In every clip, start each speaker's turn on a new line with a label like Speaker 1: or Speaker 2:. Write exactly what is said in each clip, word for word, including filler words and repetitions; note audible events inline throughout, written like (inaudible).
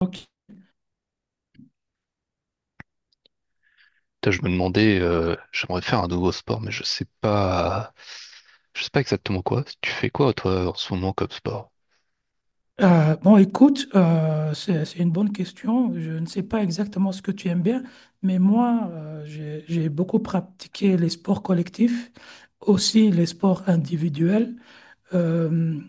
Speaker 1: Ok.
Speaker 2: Putain, je me demandais, euh, j'aimerais faire un nouveau sport, mais je sais pas, je sais pas exactement quoi. Tu fais quoi toi en ce moment comme sport?
Speaker 1: Euh, bon, écoute, euh, c'est, c'est une bonne question. Je ne sais pas exactement ce que tu aimes bien, mais moi, euh, j'ai, j'ai beaucoup pratiqué les sports collectifs, aussi les sports individuels. Euh,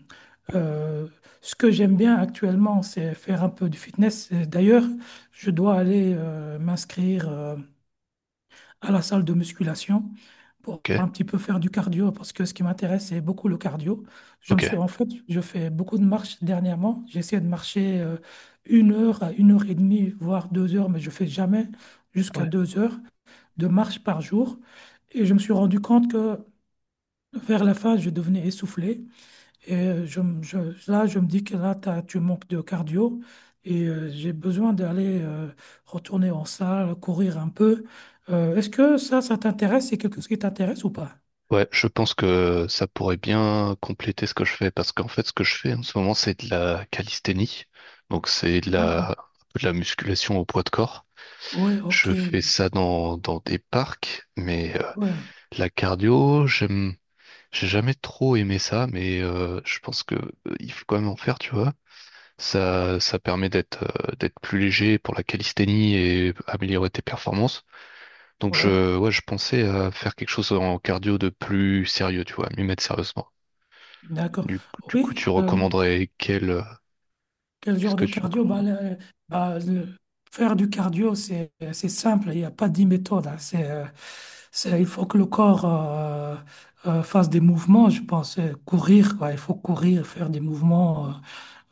Speaker 1: euh, Ce que j'aime bien actuellement, c'est faire un peu du fitness. Et d'ailleurs, je dois aller euh, m'inscrire. euh, à la salle de musculation pour
Speaker 2: Ok,
Speaker 1: un petit peu faire du cardio parce que ce qui m'intéresse, c'est beaucoup le cardio. Je me suis,
Speaker 2: ok,
Speaker 1: en fait, je fais beaucoup de marches dernièrement. J'essaie de marcher euh, une heure à une heure et demie, voire deux heures, mais je fais jamais jusqu'à
Speaker 2: ouais,
Speaker 1: deux heures de marche par jour. Et je me suis rendu compte que vers la fin, je devenais essoufflé. Et euh, je, me- je- là, je me dis que là, t'as- tu manques de cardio et euh, j'ai besoin d'aller euh, retourner en salle, courir un peu. Euh, est-ce que ça, ça t'intéresse? C'est quelque chose qui t'intéresse ou pas?
Speaker 2: ouais. Je pense que ça pourrait bien compléter ce que je fais parce qu'en fait, ce que je fais en ce moment, c'est de la calisthénie, donc c'est de
Speaker 1: Ah,
Speaker 2: la, un peu de la musculation au poids de corps.
Speaker 1: ouais, ok,
Speaker 2: Je fais ça dans dans des parcs, mais euh,
Speaker 1: ouais,
Speaker 2: la cardio, j'aime, j'ai jamais trop aimé ça, mais euh, je pense que euh, il faut quand même en faire, tu vois. Ça, ça permet d'être euh, d'être plus léger pour la calisthénie et améliorer tes performances. Donc
Speaker 1: ouais,
Speaker 2: je, ouais, je pensais à faire quelque chose en cardio de plus sérieux, tu vois, m'y mettre sérieusement.
Speaker 1: d'accord.
Speaker 2: Du, coup- du coup, tu
Speaker 1: Oui, euh,
Speaker 2: recommanderais quel, euh,
Speaker 1: quel
Speaker 2: qu'est-ce
Speaker 1: genre
Speaker 2: que
Speaker 1: de
Speaker 2: tu
Speaker 1: cardio? Bah,
Speaker 2: recommandes?
Speaker 1: le- bah, le- Faire du cardio, c'est c'est simple, il n'y a pas dix méthodes. Hein. C'est, euh, c'est- il faut que le corps euh, euh, fasse des mouvements, je pense. Euh, Courir, quoi. Il faut courir, faire des mouvements,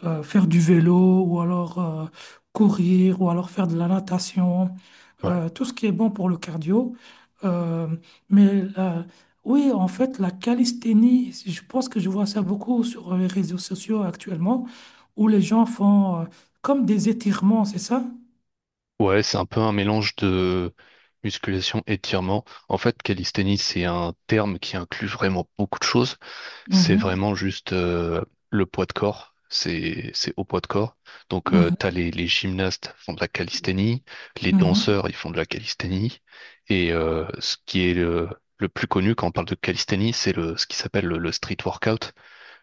Speaker 1: euh, euh, faire du vélo, ou alors euh, courir, ou alors faire de la natation
Speaker 2: Ouais.
Speaker 1: euh, tout ce qui est bon pour le cardio. Euh, mais la- oui, en fait, la calisthénie, je pense que je vois ça beaucoup sur les réseaux sociaux actuellement, où les gens font euh, comme des étirements, c'est ça?
Speaker 2: Ouais, c'est un peu un mélange de musculation et étirement. En fait, calisthénie, c'est un terme qui inclut vraiment beaucoup de choses. C'est
Speaker 1: Mhm,
Speaker 2: vraiment juste euh, le poids de corps. C'est c'est au poids de corps. Donc euh,
Speaker 1: mhm,
Speaker 2: t'as les, les gymnastes font de la calisthénie, les
Speaker 1: mhm.
Speaker 2: danseurs ils font de la calisthénie. Et euh, ce qui est le, le plus connu quand on parle de calisthénie, c'est le ce qui s'appelle le, le street workout.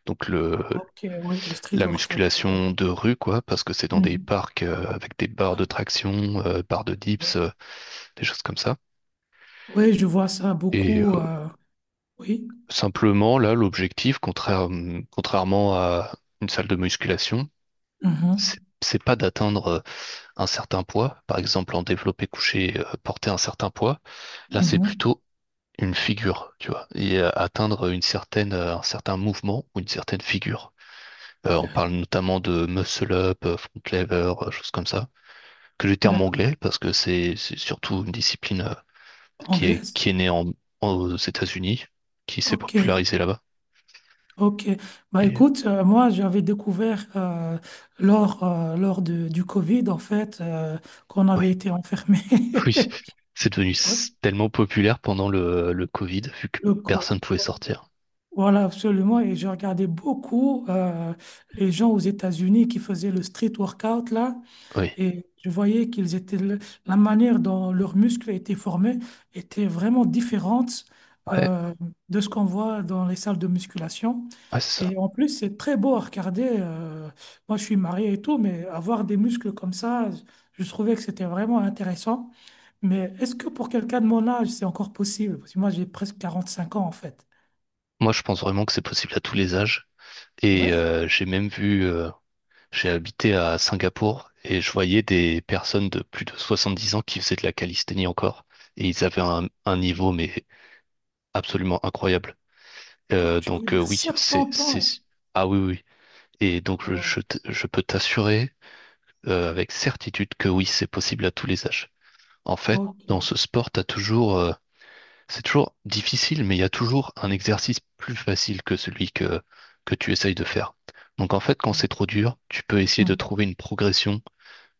Speaker 2: Donc le
Speaker 1: Ok, oui, le street
Speaker 2: la
Speaker 1: workout. Ouais.
Speaker 2: musculation de rue quoi, parce que c'est dans des
Speaker 1: Mhm.
Speaker 2: parcs euh, avec des barres de traction, euh, barres de dips, euh, des choses comme ça.
Speaker 1: Oui, je vois ça
Speaker 2: Et euh,
Speaker 1: beaucoup. Euh, oui.
Speaker 2: simplement là l'objectif, contraire- contrairement à une salle de musculation,
Speaker 1: Mhm,
Speaker 2: c'est c'est pas d'atteindre euh, un certain poids, par exemple en développé couché, euh, porter un certain poids. Là, c'est
Speaker 1: mhm.
Speaker 2: plutôt une figure, tu vois, et euh, atteindre une certaine, euh, un certain mouvement ou une certaine figure. Euh, on parle
Speaker 1: D'accord.
Speaker 2: notamment de muscle up, euh, front lever, euh, choses comme ça, que le terme
Speaker 1: D'accord.
Speaker 2: anglais parce que c'est c'est surtout une discipline euh, qui est
Speaker 1: Anglaise?
Speaker 2: qui est née en, en- aux États-Unis, qui s'est
Speaker 1: Ok.
Speaker 2: popularisée là-bas.
Speaker 1: Ok, bah
Speaker 2: Et euh,
Speaker 1: écoute, euh, moi j'avais découvert euh, lors, euh, lors de- du Covid en fait euh, qu'on
Speaker 2: oui,
Speaker 1: avait été enfermé.
Speaker 2: (laughs)
Speaker 1: (laughs)
Speaker 2: oui, c'est devenu s- tellement populaire pendant le le Covid vu que
Speaker 1: Le co-
Speaker 2: personne pouvait sortir.
Speaker 1: Voilà, absolument. Et je regardais beaucoup euh, les gens aux États-Unis qui faisaient le street workout là.
Speaker 2: Oui.
Speaker 1: Et je voyais qu'ils étaient, le- la manière dont leurs muscles étaient formés était vraiment différente
Speaker 2: Ouais,
Speaker 1: euh, de ce qu'on voit dans les salles de musculation.
Speaker 2: ouais, c'est ça.
Speaker 1: Et en plus, c'est très beau à regarder. Euh, moi, je suis marié et tout, mais avoir des muscles comme ça, je trouvais que c'était vraiment intéressant. Mais est-ce que pour quelqu'un de mon âge, c'est encore possible? Parce que moi, j'ai presque quarante cinq ans, en fait.
Speaker 2: Moi, je pense vraiment que c'est possible à tous les âges. Et
Speaker 1: Ouais,
Speaker 2: euh, j'ai même vu, euh, j'ai habité à Singapour et je voyais des personnes de plus de soixante-dix ans qui faisaient de la calisthénie encore. Et ils avaient un, un niveau, mais absolument incroyable.
Speaker 1: quoi,
Speaker 2: Euh,
Speaker 1: tu veux
Speaker 2: donc euh,
Speaker 1: dire
Speaker 2: oui, c'est,
Speaker 1: soixante-dix ans?
Speaker 2: c'est,
Speaker 1: Hein.
Speaker 2: ah oui, oui. Oui. Et donc je,
Speaker 1: Ouais,
Speaker 2: je, t- je peux t'assurer euh, avec certitude que oui, c'est possible à tous les âges. En fait,
Speaker 1: ok,
Speaker 2: dans ce sport, t'as toujours euh, c'est toujours difficile, mais il y a toujours un exercice plus facile que celui que, que tu essayes de faire. Donc en fait, quand c'est
Speaker 1: d'ac-
Speaker 2: trop dur, tu peux essayer de
Speaker 1: hmm,
Speaker 2: trouver une progression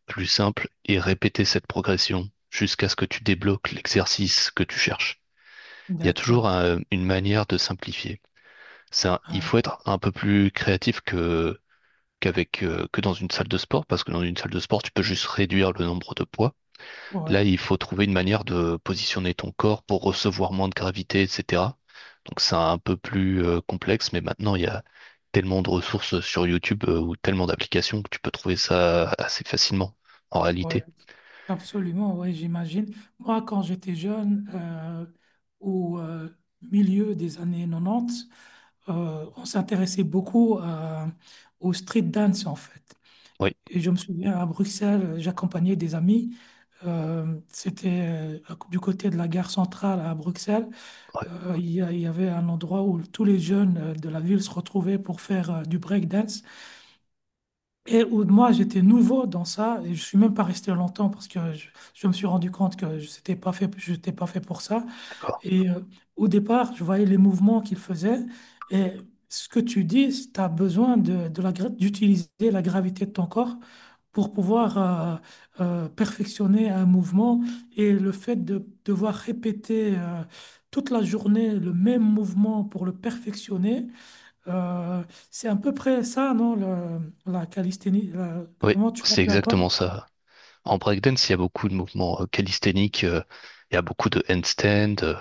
Speaker 2: plus simple et répéter cette progression jusqu'à ce que tu débloques l'exercice que tu cherches. Il y a toujours
Speaker 1: d'accord.
Speaker 2: euh, une manière de simplifier. Ça, il
Speaker 1: Ah,
Speaker 2: faut être un peu plus créatif que, qu'avec, euh, que dans une salle de sport, parce que dans une salle de sport, tu peux juste réduire le nombre de poids.
Speaker 1: ouais,
Speaker 2: Là, il faut trouver une manière de positionner ton corps pour recevoir moins de gravité, et cetera. Donc c'est un peu plus euh, complexe, mais maintenant il y a tellement de ressources sur YouTube euh, ou tellement d'applications que tu peux trouver ça assez facilement en
Speaker 1: ouais.
Speaker 2: réalité.
Speaker 1: Absolument, oui, j'imagine. Moi, quand j'étais jeune, euh, au euh, milieu des années nonante, euh, on s'intéressait beaucoup à- au street dance, en fait.
Speaker 2: Oui,
Speaker 1: Et je me souviens, à Bruxelles, j'accompagnais des amis. Euh, c'était euh, Du côté de la gare centrale à Bruxelles.
Speaker 2: ouais,
Speaker 1: Euh, il y, a- il y avait un endroit où tous les jeunes euh, de la ville se retrouvaient pour faire euh, du breakdance. Et où moi, j'étais nouveau dans ça, et je suis même pas resté longtemps parce que je, je me suis rendu compte que je n'étais pas fait, je n'étais pas fait pour ça.
Speaker 2: d'accord.
Speaker 1: Et euh, au départ, je voyais les mouvements qu'il faisait. Et ce que tu dis, tu as besoin de, de la, gra- d'utiliser la gravité de ton corps pour pouvoir euh, euh, perfectionner un mouvement. Et le fait de devoir répéter euh, toute la journée le même mouvement pour le perfectionner, euh, c'est à peu près ça, non, le- la calisthénie, la-
Speaker 2: Oui,
Speaker 1: comment tu
Speaker 2: c'est
Speaker 1: l'appelles encore?
Speaker 2: exactement ça. En breakdance, il y a beaucoup de mouvements euh, calisthéniques, euh, il y a beaucoup de handstand, euh,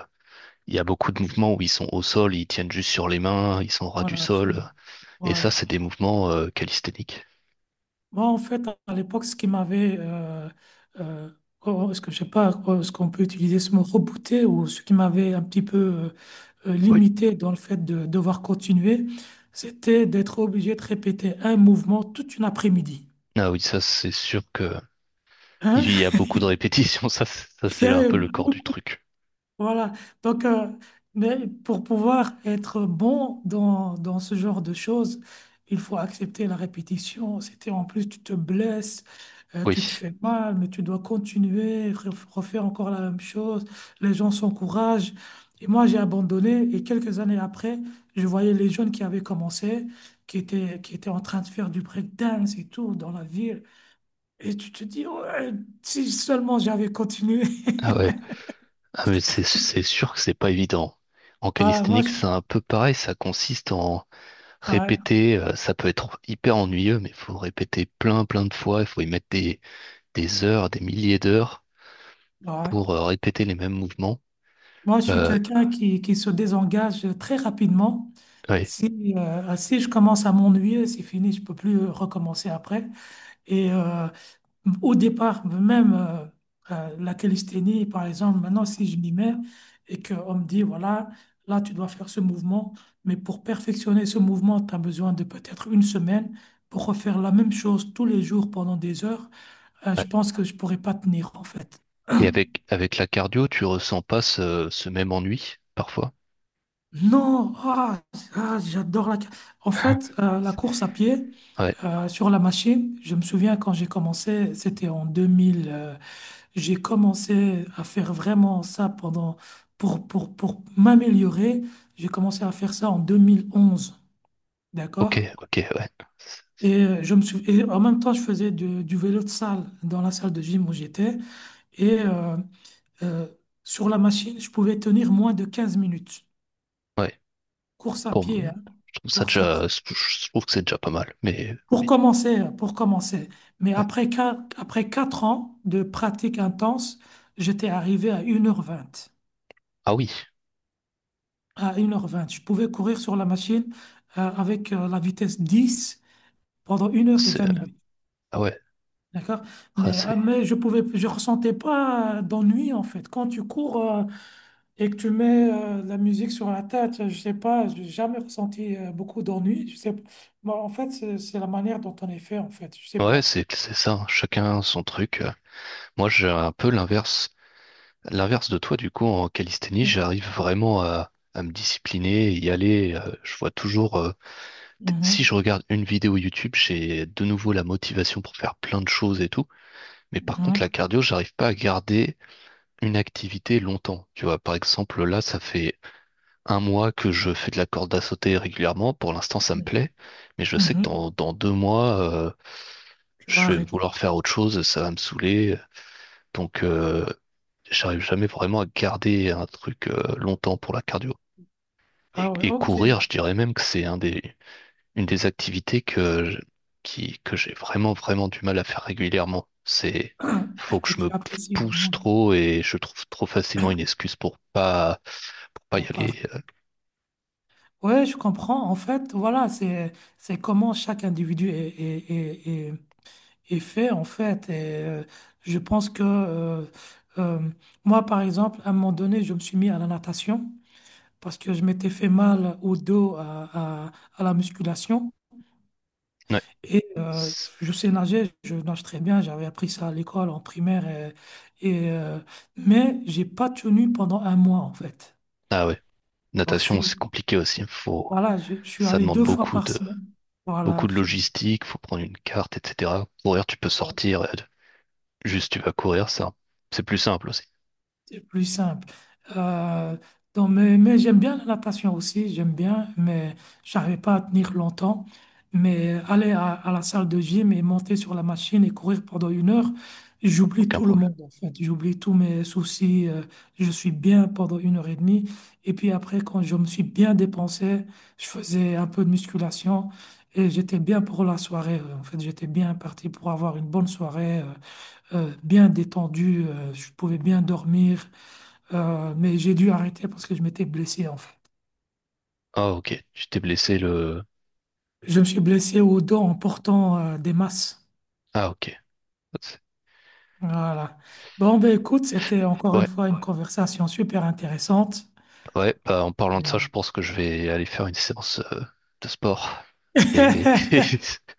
Speaker 2: il y a beaucoup de mouvements où ils sont au sol, ils tiennent juste sur les mains, ils sont ras du
Speaker 1: Voilà,
Speaker 2: sol. Euh,
Speaker 1: absolument.
Speaker 2: et
Speaker 1: Ouais.
Speaker 2: ça, c'est des mouvements euh, calisthéniques.
Speaker 1: Moi, en fait, à l'époque, ce qui m'avait, euh, euh, oh, ce que je sais pas, oh, ce qu'on peut utiliser ce mot rebooté ou ce qui m'avait un petit peu euh, euh,
Speaker 2: Oui.
Speaker 1: limité dans le fait de devoir continuer, c'était d'être obligé de répéter un mouvement toute une après-midi.
Speaker 2: Ah oui, ça, c'est sûr que il
Speaker 1: Hein?
Speaker 2: y a
Speaker 1: (laughs)
Speaker 2: beaucoup de répétitions. (laughs) Ça, c'est- ça,
Speaker 1: Il y
Speaker 2: c'est un
Speaker 1: avait
Speaker 2: peu le corps
Speaker 1: beaucoup.
Speaker 2: du truc.
Speaker 1: Voilà. Donc, euh, mais pour pouvoir être bon dans, dans ce genre de choses, il faut accepter la répétition. C'était en plus, tu te blesses, euh,
Speaker 2: Oui.
Speaker 1: tu te fais mal, mais tu dois continuer, ref- refaire encore la même chose. Les gens s'encouragent. Et moi, j'ai abandonné. Et quelques années après, je voyais les jeunes qui avaient commencé, qui étaient, qui étaient en train de faire du breakdance et tout dans la ville. Et tu te dis, ouais, si seulement j'avais continué.
Speaker 2: Ah
Speaker 1: (laughs)
Speaker 2: ouais. Ah, mais c'est c'est sûr que c'est pas évident. En
Speaker 1: Voilà, moi,
Speaker 2: calisthénique,
Speaker 1: je...
Speaker 2: c'est un peu pareil. Ça consiste en
Speaker 1: Ouais,
Speaker 2: répéter, euh, ça peut être hyper ennuyeux, mais il faut répéter plein, plein de fois. Il faut y mettre des, des heures, des milliers d'heures
Speaker 1: ouais.
Speaker 2: pour euh, répéter les mêmes mouvements.
Speaker 1: Moi, je suis
Speaker 2: Euh,
Speaker 1: quelqu'un qui, qui se désengage très rapidement.
Speaker 2: ouais,
Speaker 1: Si, euh, si je commence à m'ennuyer, c'est fini, je peux plus euh, recommencer après. Et euh, au départ, même euh, euh, la calisthénie, par exemple, maintenant, si je m'y mets et qu'on me dit, voilà, là, tu dois faire ce mouvement, mais pour perfectionner ce mouvement, tu as besoin de peut-être une semaine pour refaire la même chose tous les jours pendant des heures, euh, je
Speaker 2: ouais.
Speaker 1: pense que je pourrais pas tenir, en fait.
Speaker 2: Et avec, avec la cardio, tu ressens pas ce, ce même ennui parfois.
Speaker 1: Non, ah, ah, j'adore la... En fait,
Speaker 2: (laughs)
Speaker 1: euh, la course à pied
Speaker 2: Ouais,
Speaker 1: euh, sur la machine, je me souviens quand j'ai commencé, c'était en deux mille, euh, j'ai commencé à faire vraiment ça pendant, pour, pour, pour m'améliorer, j'ai commencé à faire ça en deux mille onze,
Speaker 2: ok,
Speaker 1: d'accord?
Speaker 2: ok, ouais,
Speaker 1: Et, euh, je me sou- et en même temps, je faisais du, du vélo de salle dans la salle de gym où j'étais. Et euh, euh, sur la machine, je pouvais tenir moins de quinze minutes.
Speaker 2: ouais.
Speaker 1: Course à
Speaker 2: Bon,
Speaker 1: pied, hein,
Speaker 2: je trouve ça
Speaker 1: course à
Speaker 2: déjà,
Speaker 1: pied.
Speaker 2: je trouve que c'est déjà pas mal, mais
Speaker 1: Pour
Speaker 2: oui,
Speaker 1: commencer, pour commencer. Mais
Speaker 2: ouais.
Speaker 1: après quatre, après quatre ans de pratique intense, j'étais arrivé à une heure vingt.
Speaker 2: Ah oui,
Speaker 1: À une heure vingt. Je pouvais courir sur la machine euh, avec euh, la vitesse dix pendant une heure et
Speaker 2: c'est,
Speaker 1: vingt minutes.
Speaker 2: ah ouais,
Speaker 1: D'accord?
Speaker 2: ah,
Speaker 1: Mais, euh,
Speaker 2: c'est,
Speaker 1: mais je pouvais, je ressentais pas euh, d'ennui en fait. Quand tu cours euh, et que tu mets euh, la musique sur la tête, je sais pas, j'ai jamais ressenti euh, beaucoup d'ennui. Je sais, bon, en fait, c'est c'est la manière dont on est fait en fait. Je sais
Speaker 2: ouais,
Speaker 1: pas.
Speaker 2: c'est, c'est ça, hein. Chacun son truc. Euh. Moi, j'ai un peu l'inverse. L'inverse de toi, du coup, en calisthénie,
Speaker 1: Mm.
Speaker 2: j'arrive vraiment à, à me discipliner, y aller. Euh, je vois toujours, euh, t- si
Speaker 1: Mhm,
Speaker 2: je regarde une vidéo YouTube, j'ai de nouveau la motivation pour faire plein de choses et tout. Mais par contre,
Speaker 1: mhm.
Speaker 2: la cardio, j'arrive pas à garder une activité longtemps. Tu vois, par exemple, là, ça fait un mois que je fais de la corde à sauter régulièrement. Pour l'instant, ça me
Speaker 1: Mhm.
Speaker 2: plaît. Mais je sais que
Speaker 1: Mhm.
Speaker 2: dans, dans deux mois, euh,
Speaker 1: Tu vas
Speaker 2: je vais
Speaker 1: arrêter.
Speaker 2: vouloir faire autre chose, ça va me saouler. Donc, euh, j'arrive jamais vraiment à garder un truc euh, longtemps pour la cardio. Et,
Speaker 1: Ah ouais,
Speaker 2: et courir,
Speaker 1: ok,
Speaker 2: je dirais même que c'est un des, une des activités que je- qui, que j'ai vraiment, vraiment du mal à faire régulièrement. C'est, faut que
Speaker 1: que
Speaker 2: je
Speaker 1: tu
Speaker 2: me
Speaker 1: apprécies le
Speaker 2: pousse
Speaker 1: moins
Speaker 2: trop et je trouve trop facilement une excuse pour pas, pour pas
Speaker 1: ton
Speaker 2: y
Speaker 1: taf.
Speaker 2: aller. Euh,
Speaker 1: Ouais, je comprends. En fait, voilà, c'est c'est comment chaque individu est, est, est, est- est fait, en fait. Et, euh, je pense que euh, euh, moi, par exemple, à un moment donné, je me suis mis à la natation parce que je m'étais fait mal au dos à, à, à la musculation.
Speaker 2: ouais,
Speaker 1: Et euh,
Speaker 2: c'est-
Speaker 1: je sais nager, je nage très bien, j'avais appris ça à l'école, en primaire, et, et, euh, mais j'ai pas tenu pendant un mois en fait.
Speaker 2: ah ouais.
Speaker 1: Donc je
Speaker 2: Natation, c'est
Speaker 1: suis,
Speaker 2: compliqué aussi. Faut,
Speaker 1: voilà, je, je suis
Speaker 2: ça
Speaker 1: allé
Speaker 2: demande
Speaker 1: deux fois
Speaker 2: beaucoup
Speaker 1: par
Speaker 2: de,
Speaker 1: semaine. Voilà,
Speaker 2: beaucoup de
Speaker 1: absolument.
Speaker 2: logistique. Faut prendre une carte, et cetera. Courir, tu peux sortir. Euh, juste, tu vas courir, ça. C'est plus simple aussi.
Speaker 1: C'est plus simple. Euh, donc, mais mais j'aime bien la natation aussi, j'aime bien, mais j'arrivais pas à tenir longtemps. Mais aller à, à la salle de gym et monter sur la machine et courir pendant une heure, j'oublie
Speaker 2: Aucun
Speaker 1: tout le
Speaker 2: problème.
Speaker 1: monde en fait. J'oublie tous mes soucis. Euh, je suis bien pendant une heure et demie. Et puis après, quand je me suis bien dépensé, je faisais un peu de musculation et j'étais bien pour la soirée. En fait, j'étais bien parti pour avoir une bonne soirée, euh, euh, bien détendue. Euh, je pouvais bien dormir. Euh, mais j'ai dû arrêter parce que je m'étais blessé en fait.
Speaker 2: Ah ok, tu t'es blessé le...
Speaker 1: Je me suis blessé au dos en portant euh, des masses.
Speaker 2: Ah ok.
Speaker 1: Voilà. Bon, ben écoute, c'était encore une
Speaker 2: Ouais,
Speaker 1: fois une conversation super intéressante.
Speaker 2: ouais, bah, en parlant de ça, je
Speaker 1: Mm.
Speaker 2: pense que je vais aller faire une séance euh, de sport. Et (laughs)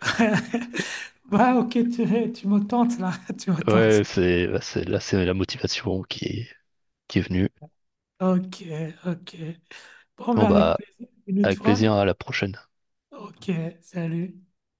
Speaker 1: (laughs) Ouais, ok, tu, tu me tentes là, (laughs) tu me
Speaker 2: ouais,
Speaker 1: tentes.
Speaker 2: c'est bah, c'est- là, c'est la motivation qui est, qui est venue.
Speaker 1: Ok, ok. Bon,
Speaker 2: Bon
Speaker 1: ben avec
Speaker 2: bah,
Speaker 1: plaisir, une autre
Speaker 2: avec
Speaker 1: fois.
Speaker 2: plaisir, à la prochaine.
Speaker 1: Ok, salut.